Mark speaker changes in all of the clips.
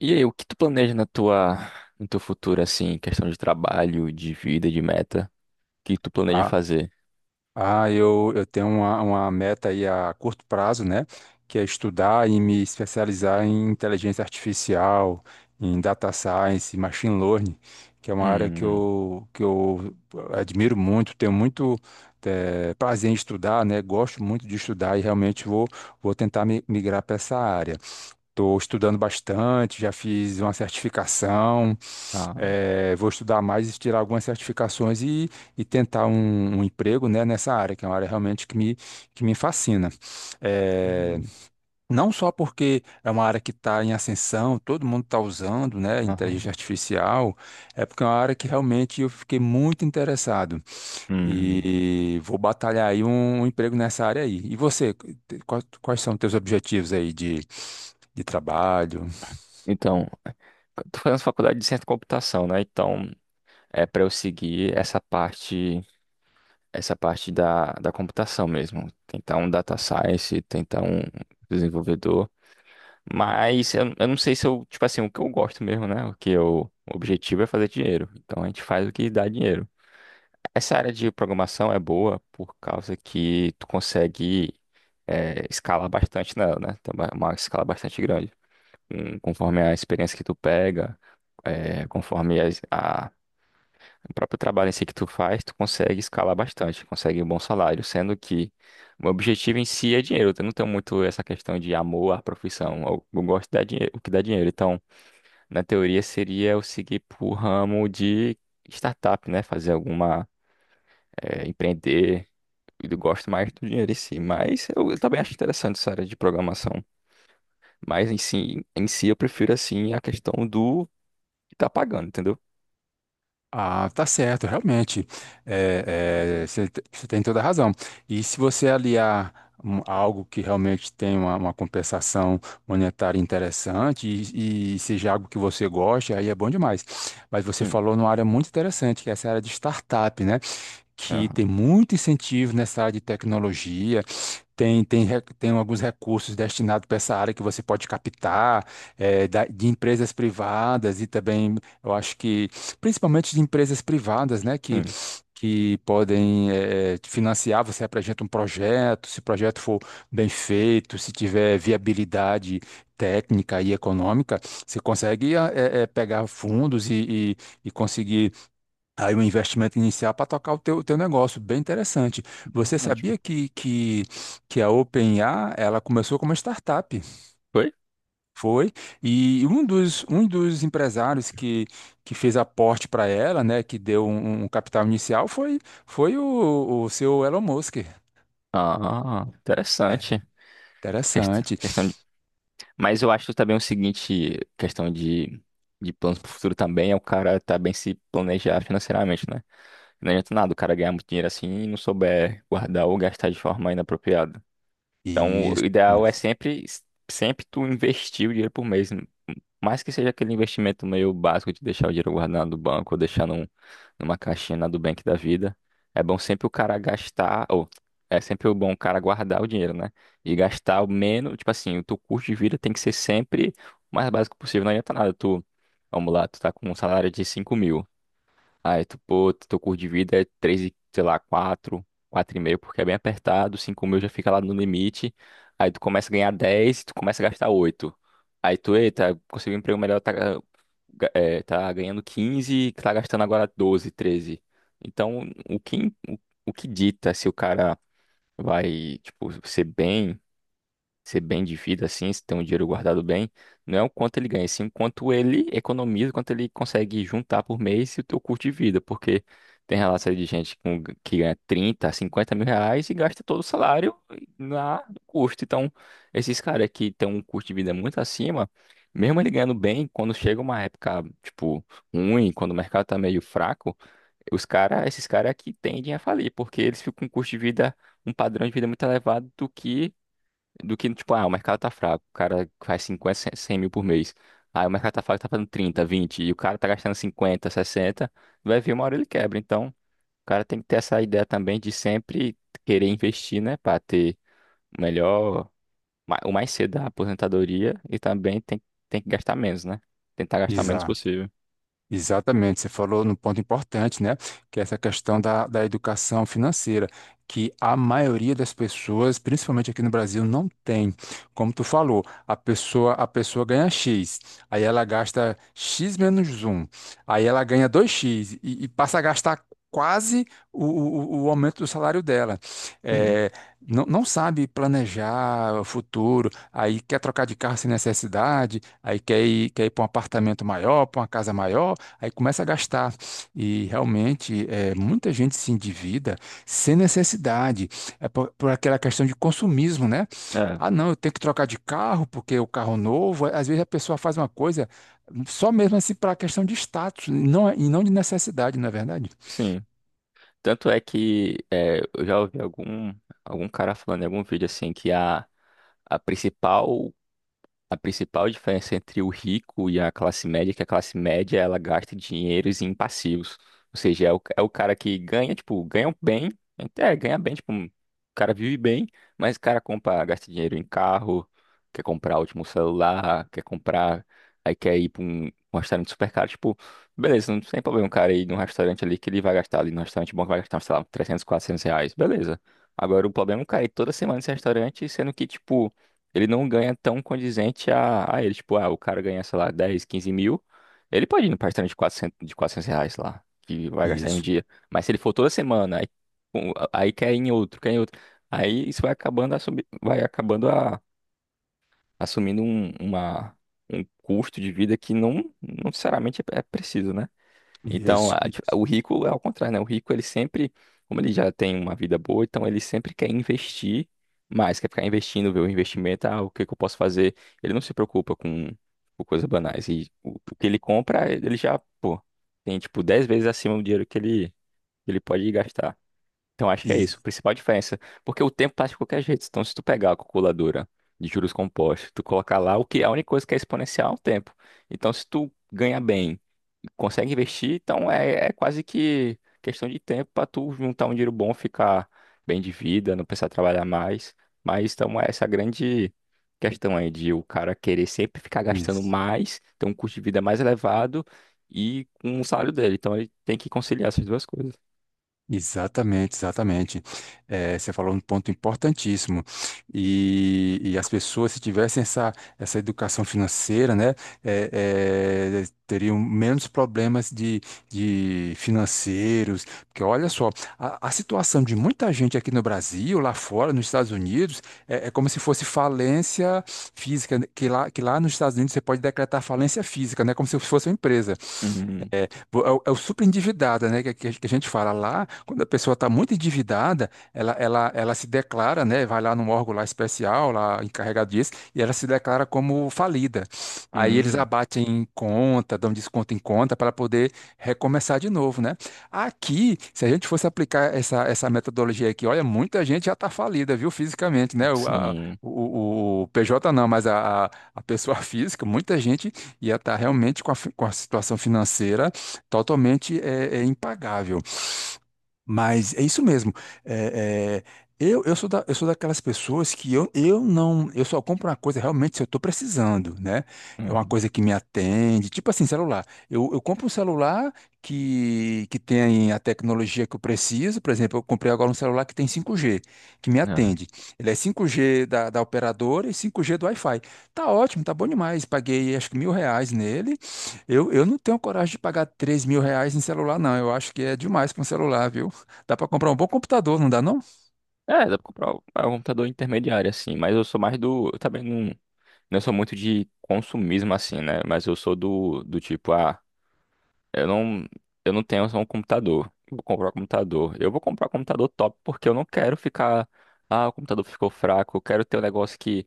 Speaker 1: E aí, o que tu planeja na tua, no teu futuro, assim, questão de trabalho, de vida, de meta? O que tu planeja
Speaker 2: Ah,
Speaker 1: fazer?
Speaker 2: eu tenho uma meta aí a curto prazo, né? Que é estudar e me especializar em inteligência artificial, em data science, machine learning, que é uma área que
Speaker 1: Hum,
Speaker 2: eu admiro muito, tenho muito prazer em estudar, né? Gosto muito de estudar e realmente vou tentar migrar para essa área. Estou estudando bastante, já fiz uma certificação.
Speaker 1: ah,
Speaker 2: É, vou estudar mais e tirar algumas certificações e tentar um emprego, né, nessa área, que é uma área realmente que me fascina. É,
Speaker 1: entendi.
Speaker 2: não só porque é uma área que está em ascensão, todo mundo está usando, né,
Speaker 1: Aham.
Speaker 2: inteligência artificial, é porque é uma área que realmente eu fiquei muito interessado
Speaker 1: Hum,
Speaker 2: e vou batalhar aí um emprego nessa área aí. E você, quais são os teus objetivos aí de trabalho?
Speaker 1: então, eu tô fazendo faculdade de ciência da computação, né? Então, é para eu seguir essa parte da computação mesmo. Tentar um data science, tentar um desenvolvedor. Mas eu não sei se eu, tipo assim, o que eu gosto mesmo, né? O objetivo é fazer dinheiro. Então, a gente faz o que dá dinheiro. Essa área de programação é boa por causa que tu consegue escalar bastante nela, né? Tem uma escala bastante grande. Conforme a experiência que tu pega, conforme o próprio trabalho em si que tu faz, tu consegue escalar bastante, consegue um bom salário, sendo que o meu objetivo em si é dinheiro. Eu não tenho muito essa questão de amor à profissão. Eu gosto de dar dinheiro, o que dá dinheiro. Então, na teoria, seria eu seguir pro ramo de startup, né? Fazer alguma empreender e eu gosto mais do dinheiro em si, mas eu também acho interessante essa área de programação. Mas em si eu prefiro assim a questão do que tá pagando, entendeu?
Speaker 2: Ah, tá certo, realmente. É, você você tem toda a razão. E se você aliar algo que realmente tem uma compensação monetária interessante e seja algo que você goste, aí é bom demais. Mas você
Speaker 1: Sim,
Speaker 2: falou numa área muito interessante, que é essa área de startup, né? Que
Speaker 1: aham,
Speaker 2: tem muito incentivo nessa área de tecnologia, tem alguns recursos destinados para essa área que você pode captar, de empresas privadas e também, eu acho que, principalmente de empresas privadas, né,
Speaker 1: sim,
Speaker 2: que podem, te financiar, você apresenta um projeto, se o projeto for bem feito, se tiver viabilidade técnica e econômica, você consegue pegar fundos e- e conseguir aí o investimento inicial para tocar o teu negócio, bem interessante. Você
Speaker 1: exatamente.
Speaker 2: sabia que a OpenAI, ela começou como uma startup,
Speaker 1: Foi?
Speaker 2: foi? E um um dos empresários que fez aporte para ela, né, que deu um capital inicial, foi o seu Elon Musk.
Speaker 1: Ah,
Speaker 2: É,
Speaker 1: interessante. Quest-
Speaker 2: interessante.
Speaker 1: Questão de... Mas eu acho também o seguinte, questão de planos pro futuro também é o cara também se planejar financeiramente, né? Não adianta nada o cara ganhar muito dinheiro assim e não souber guardar ou gastar de forma inapropriada. Então, o
Speaker 2: Isso.
Speaker 1: ideal é sempre tu investir o dinheiro por mês. Mais que seja aquele investimento meio básico de deixar o dinheiro guardado no banco ou deixar num, numa caixinha na Nubank da vida. É bom sempre o cara gastar, ou é sempre bom o cara guardar o dinheiro, né? E gastar o menos, tipo assim, o teu custo de vida tem que ser sempre o mais básico possível. Não adianta nada tu, vamos lá, tu tá com um salário de 5 mil. Aí tu, pô, teu curso de vida é 3, e, sei lá, quatro quatro e meio porque é bem apertado, 5 mil já fica lá no limite. Aí tu começa a ganhar 10 e tu começa a gastar oito. Aí tu, eita, conseguiu um emprego melhor, tá, tá ganhando 15 e tá gastando agora 12 treze. Então, o que, im- o, o que dita se o cara vai, tipo, ser bem de vida assim, se tem um dinheiro guardado bem, não é o quanto ele ganha, sim o quanto ele economiza, quanto ele consegue juntar por mês e o teu custo de vida, porque tem relação de gente que ganha 30, 50 mil reais e gasta todo o salário na no custo. Então, esses caras que têm um custo de vida muito acima, mesmo ele ganhando bem, quando chega uma época, tipo, ruim, quando o mercado tá meio fraco, esses caras que tendem a falir, porque eles ficam com um custo de vida um padrão de vida muito elevado do que, tipo, ah, o mercado tá fraco, o cara faz 50 100 100 mil por mês. Aí o mercado tá fraco, tá fazendo 30 20 e o cara tá gastando 50 sessenta. Vai vir uma hora ele quebra. Então, o cara tem que ter essa ideia também de sempre querer investir, né, pra ter o melhor, o mais cedo da aposentadoria e também tem que gastar menos, né? Tentar gastar menos
Speaker 2: Exato.
Speaker 1: possível.
Speaker 2: Exatamente, você falou num ponto importante, né? Que é essa questão da educação financeira, que a maioria das pessoas, principalmente aqui no Brasil, não tem. Como tu falou, a pessoa ganha X, aí ela gasta X menos um, aí ela ganha dois x e passa a gastar quase o aumento do salário dela.
Speaker 1: Sim,
Speaker 2: É, não sabe planejar o futuro, aí quer trocar de carro sem necessidade, aí quer quer ir para um apartamento maior, para uma casa maior. Aí começa a gastar e realmente é, muita gente se endivida sem necessidade, é por aquela questão de consumismo, né?
Speaker 1: é,
Speaker 2: Ah, não, eu tenho que trocar de carro porque o carro novo. Às vezes a pessoa faz uma coisa só mesmo assim para a questão de status, não, e não de necessidade, não é verdade?
Speaker 1: sim. Tanto é que eu já ouvi algum cara falando em algum vídeo assim que a principal A principal diferença entre o rico e a classe média é que a classe média ela gasta dinheiros em passivos. Ou seja, é o cara que ganha, tipo, ganha bem, até ganha bem, tipo, o cara vive bem, mas o cara compra, gasta dinheiro em carro, quer comprar o último celular, quer comprar, aí quer ir para um restaurante super caro, tipo, beleza, não tem problema o cara ir num restaurante ali que ele vai gastar ali, num restaurante bom que vai gastar, sei lá, 300 400 reais, beleza. Agora o problema é o cara ir toda semana nesse restaurante, sendo que, tipo, ele não ganha tão condizente a ele. Tipo, ah, o cara ganha, sei lá, 10, 15 mil. Ele pode ir no palestrante de quatrocentos reais lá, que vai gastar em um
Speaker 2: Isso,
Speaker 1: dia. Mas se ele for toda semana, aí, um, aí quer ir em outro, quer ir em outro. Aí isso vai acabando, vai acabando a, assumindo um custo de vida que não necessariamente é preciso, né? Então,
Speaker 2: isso,
Speaker 1: tipo, o rico é ao contrário, né? O rico, ele sempre, como ele já tem uma vida boa, então ele sempre quer investir mais, quer ficar investindo, ver o investimento, ah, o que que eu posso fazer? Ele não se preocupa com coisas banais. E o que ele compra, ele já, pô, tem tipo 10 vezes acima do dinheiro que que ele pode gastar. Então, acho que é isso,
Speaker 2: isso,
Speaker 1: a principal diferença. Porque o tempo passa de qualquer jeito. Então, se tu pegar a calculadora de juros compostos, tu colocar lá, o que a única coisa que é exponencial é o tempo. Então, se tu ganha bem, consegue investir, então é quase que questão de tempo para tu juntar um dinheiro bom, ficar bem de vida, não precisar trabalhar mais. Mas, então, é essa grande questão aí de o cara querer sempre ficar gastando
Speaker 2: isso.
Speaker 1: mais, ter um custo de vida mais elevado e com o salário dele. Então, ele tem que conciliar essas duas coisas.
Speaker 2: Exatamente, exatamente. Você falou um ponto importantíssimo. E as pessoas, se tivessem essa educação financeira, né, teriam menos problemas de financeiros. Porque olha só, a situação de muita gente aqui no Brasil, lá fora, nos Estados Unidos, é como se fosse falência física, né, que lá nos Estados Unidos você pode decretar falência física, né, como se fosse uma empresa.
Speaker 1: Uhum.
Speaker 2: É é o super endividada, né? Que a gente fala lá, quando a pessoa está muito endividada, ela se declara, né? Vai lá num órgão lá especial, lá encarregado disso, e ela se declara como falida. Aí eles
Speaker 1: Uhum.
Speaker 2: abatem em conta, dão desconto em conta para poder recomeçar de novo, né? Aqui, se a gente fosse aplicar essa metodologia aqui, olha, muita gente já está falida, viu, fisicamente, né?
Speaker 1: Sim.
Speaker 2: O PJ não, mas a pessoa física, muita gente ia estar realmente com com a situação financeira totalmente é, é impagável. Mas é isso mesmo. É, é, eu, eu sou daquelas pessoas que eu não. Eu só compro uma coisa realmente se eu estou precisando, né? É uma
Speaker 1: Uhum.
Speaker 2: coisa que me atende. Tipo assim, celular. Eu compro um celular que tem a tecnologia que eu preciso. Por exemplo, eu comprei agora um celular que tem 5G, que me
Speaker 1: É,
Speaker 2: atende. Ele é 5G da operadora e 5G do Wi-Fi. Tá ótimo, tá bom demais. Paguei acho que R$ 1.000 nele. Eu não tenho coragem de pagar R$ 3.000 em celular, não. Eu acho que é demais para um celular, viu? Dá para comprar um bom computador, não dá, não?
Speaker 1: é, dá pra comprar um computador intermediário, assim, mas eu sou mais do. Eu também não sou muito de consumismo, assim, né? Mas eu sou do tipo, ah, eu não, eu não tenho só um computador. Eu vou comprar um computador. Eu vou comprar um computador top porque eu não quero ficar. Ah, o computador ficou fraco. Eu quero ter um negócio que.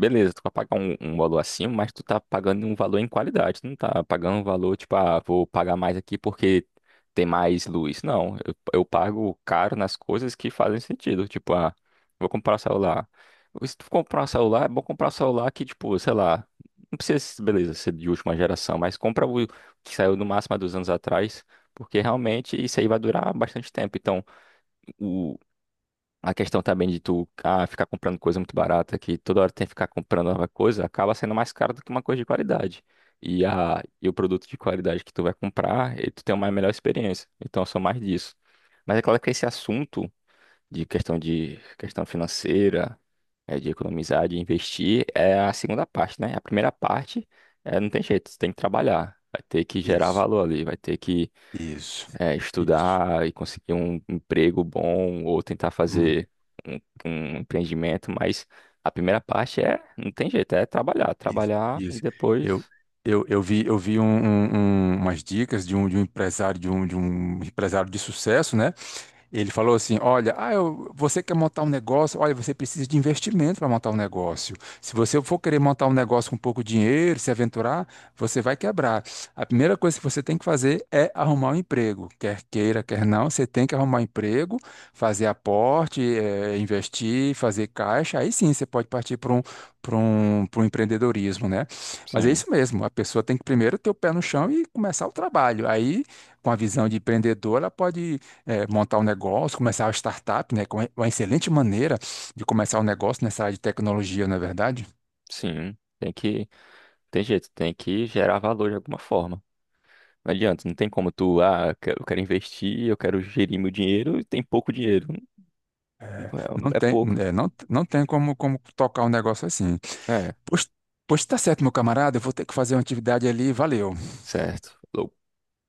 Speaker 1: Beleza, tu vai pagar um valor acima, mas tu tá pagando um valor em qualidade. Tu não tá pagando um valor, tipo, ah, vou pagar mais aqui porque tem mais luz. Não, eu pago caro nas coisas que fazem sentido. Tipo, ah, vou comprar um celular. Se tu comprar um celular, é bom comprar um celular que, tipo, sei lá, não precisa, beleza, ser de última geração, mas compra o que saiu no máximo há 2 anos atrás, porque realmente isso aí vai durar bastante tempo. Então, a questão também de tu ah, ficar comprando coisa muito barata, que toda hora tem que ficar comprando nova coisa, acaba sendo mais caro do que uma coisa de qualidade. E o produto de qualidade que tu vai comprar, e tu tem uma melhor experiência. Então, eu sou mais disso. Mas é claro que esse assunto de questão financeira, de economizar, de investir, é a segunda parte, né? A primeira parte é, não tem jeito, você tem que trabalhar, vai ter que gerar
Speaker 2: Isso,
Speaker 1: valor ali, vai ter que
Speaker 2: isso, isso.
Speaker 1: estudar e conseguir um emprego bom ou tentar
Speaker 2: Hum,
Speaker 1: fazer um, um empreendimento, mas a primeira parte é, não tem jeito, é trabalhar,
Speaker 2: isso,
Speaker 1: trabalhar e
Speaker 2: isso. Eu,
Speaker 1: depois,
Speaker 2: eu vi umas dicas de de um empresário, de de um empresário de sucesso, né? Ele falou assim: Olha, você quer montar um negócio? Olha, você precisa de investimento para montar um negócio. Se você for querer montar um negócio com pouco dinheiro, se aventurar, você vai quebrar. A primeira coisa que você tem que fazer é arrumar um emprego. Quer queira, quer não, você tem que arrumar um emprego, fazer aporte, investir, fazer caixa. Aí sim você pode partir para para um empreendedorismo, né? Mas é
Speaker 1: sim,
Speaker 2: isso mesmo: a pessoa tem que primeiro ter o pé no chão e começar o trabalho. Aí, com a visão de empreendedor, ela pode montar um negócio, começar uma startup, né? Que é uma excelente maneira de começar um negócio nessa área de tecnologia, não é verdade?
Speaker 1: sim, tem que, tem jeito, tem que gerar valor de alguma forma. Não adianta, não tem como tu, ah, eu quero investir, eu quero gerir meu dinheiro e tem pouco dinheiro.
Speaker 2: Não
Speaker 1: É, é
Speaker 2: tem,
Speaker 1: pouco.
Speaker 2: é, não tem como tocar um negócio assim.
Speaker 1: É,
Speaker 2: Pois, Pois tá certo, meu camarada, eu vou ter que fazer uma atividade ali, valeu.
Speaker 1: certo.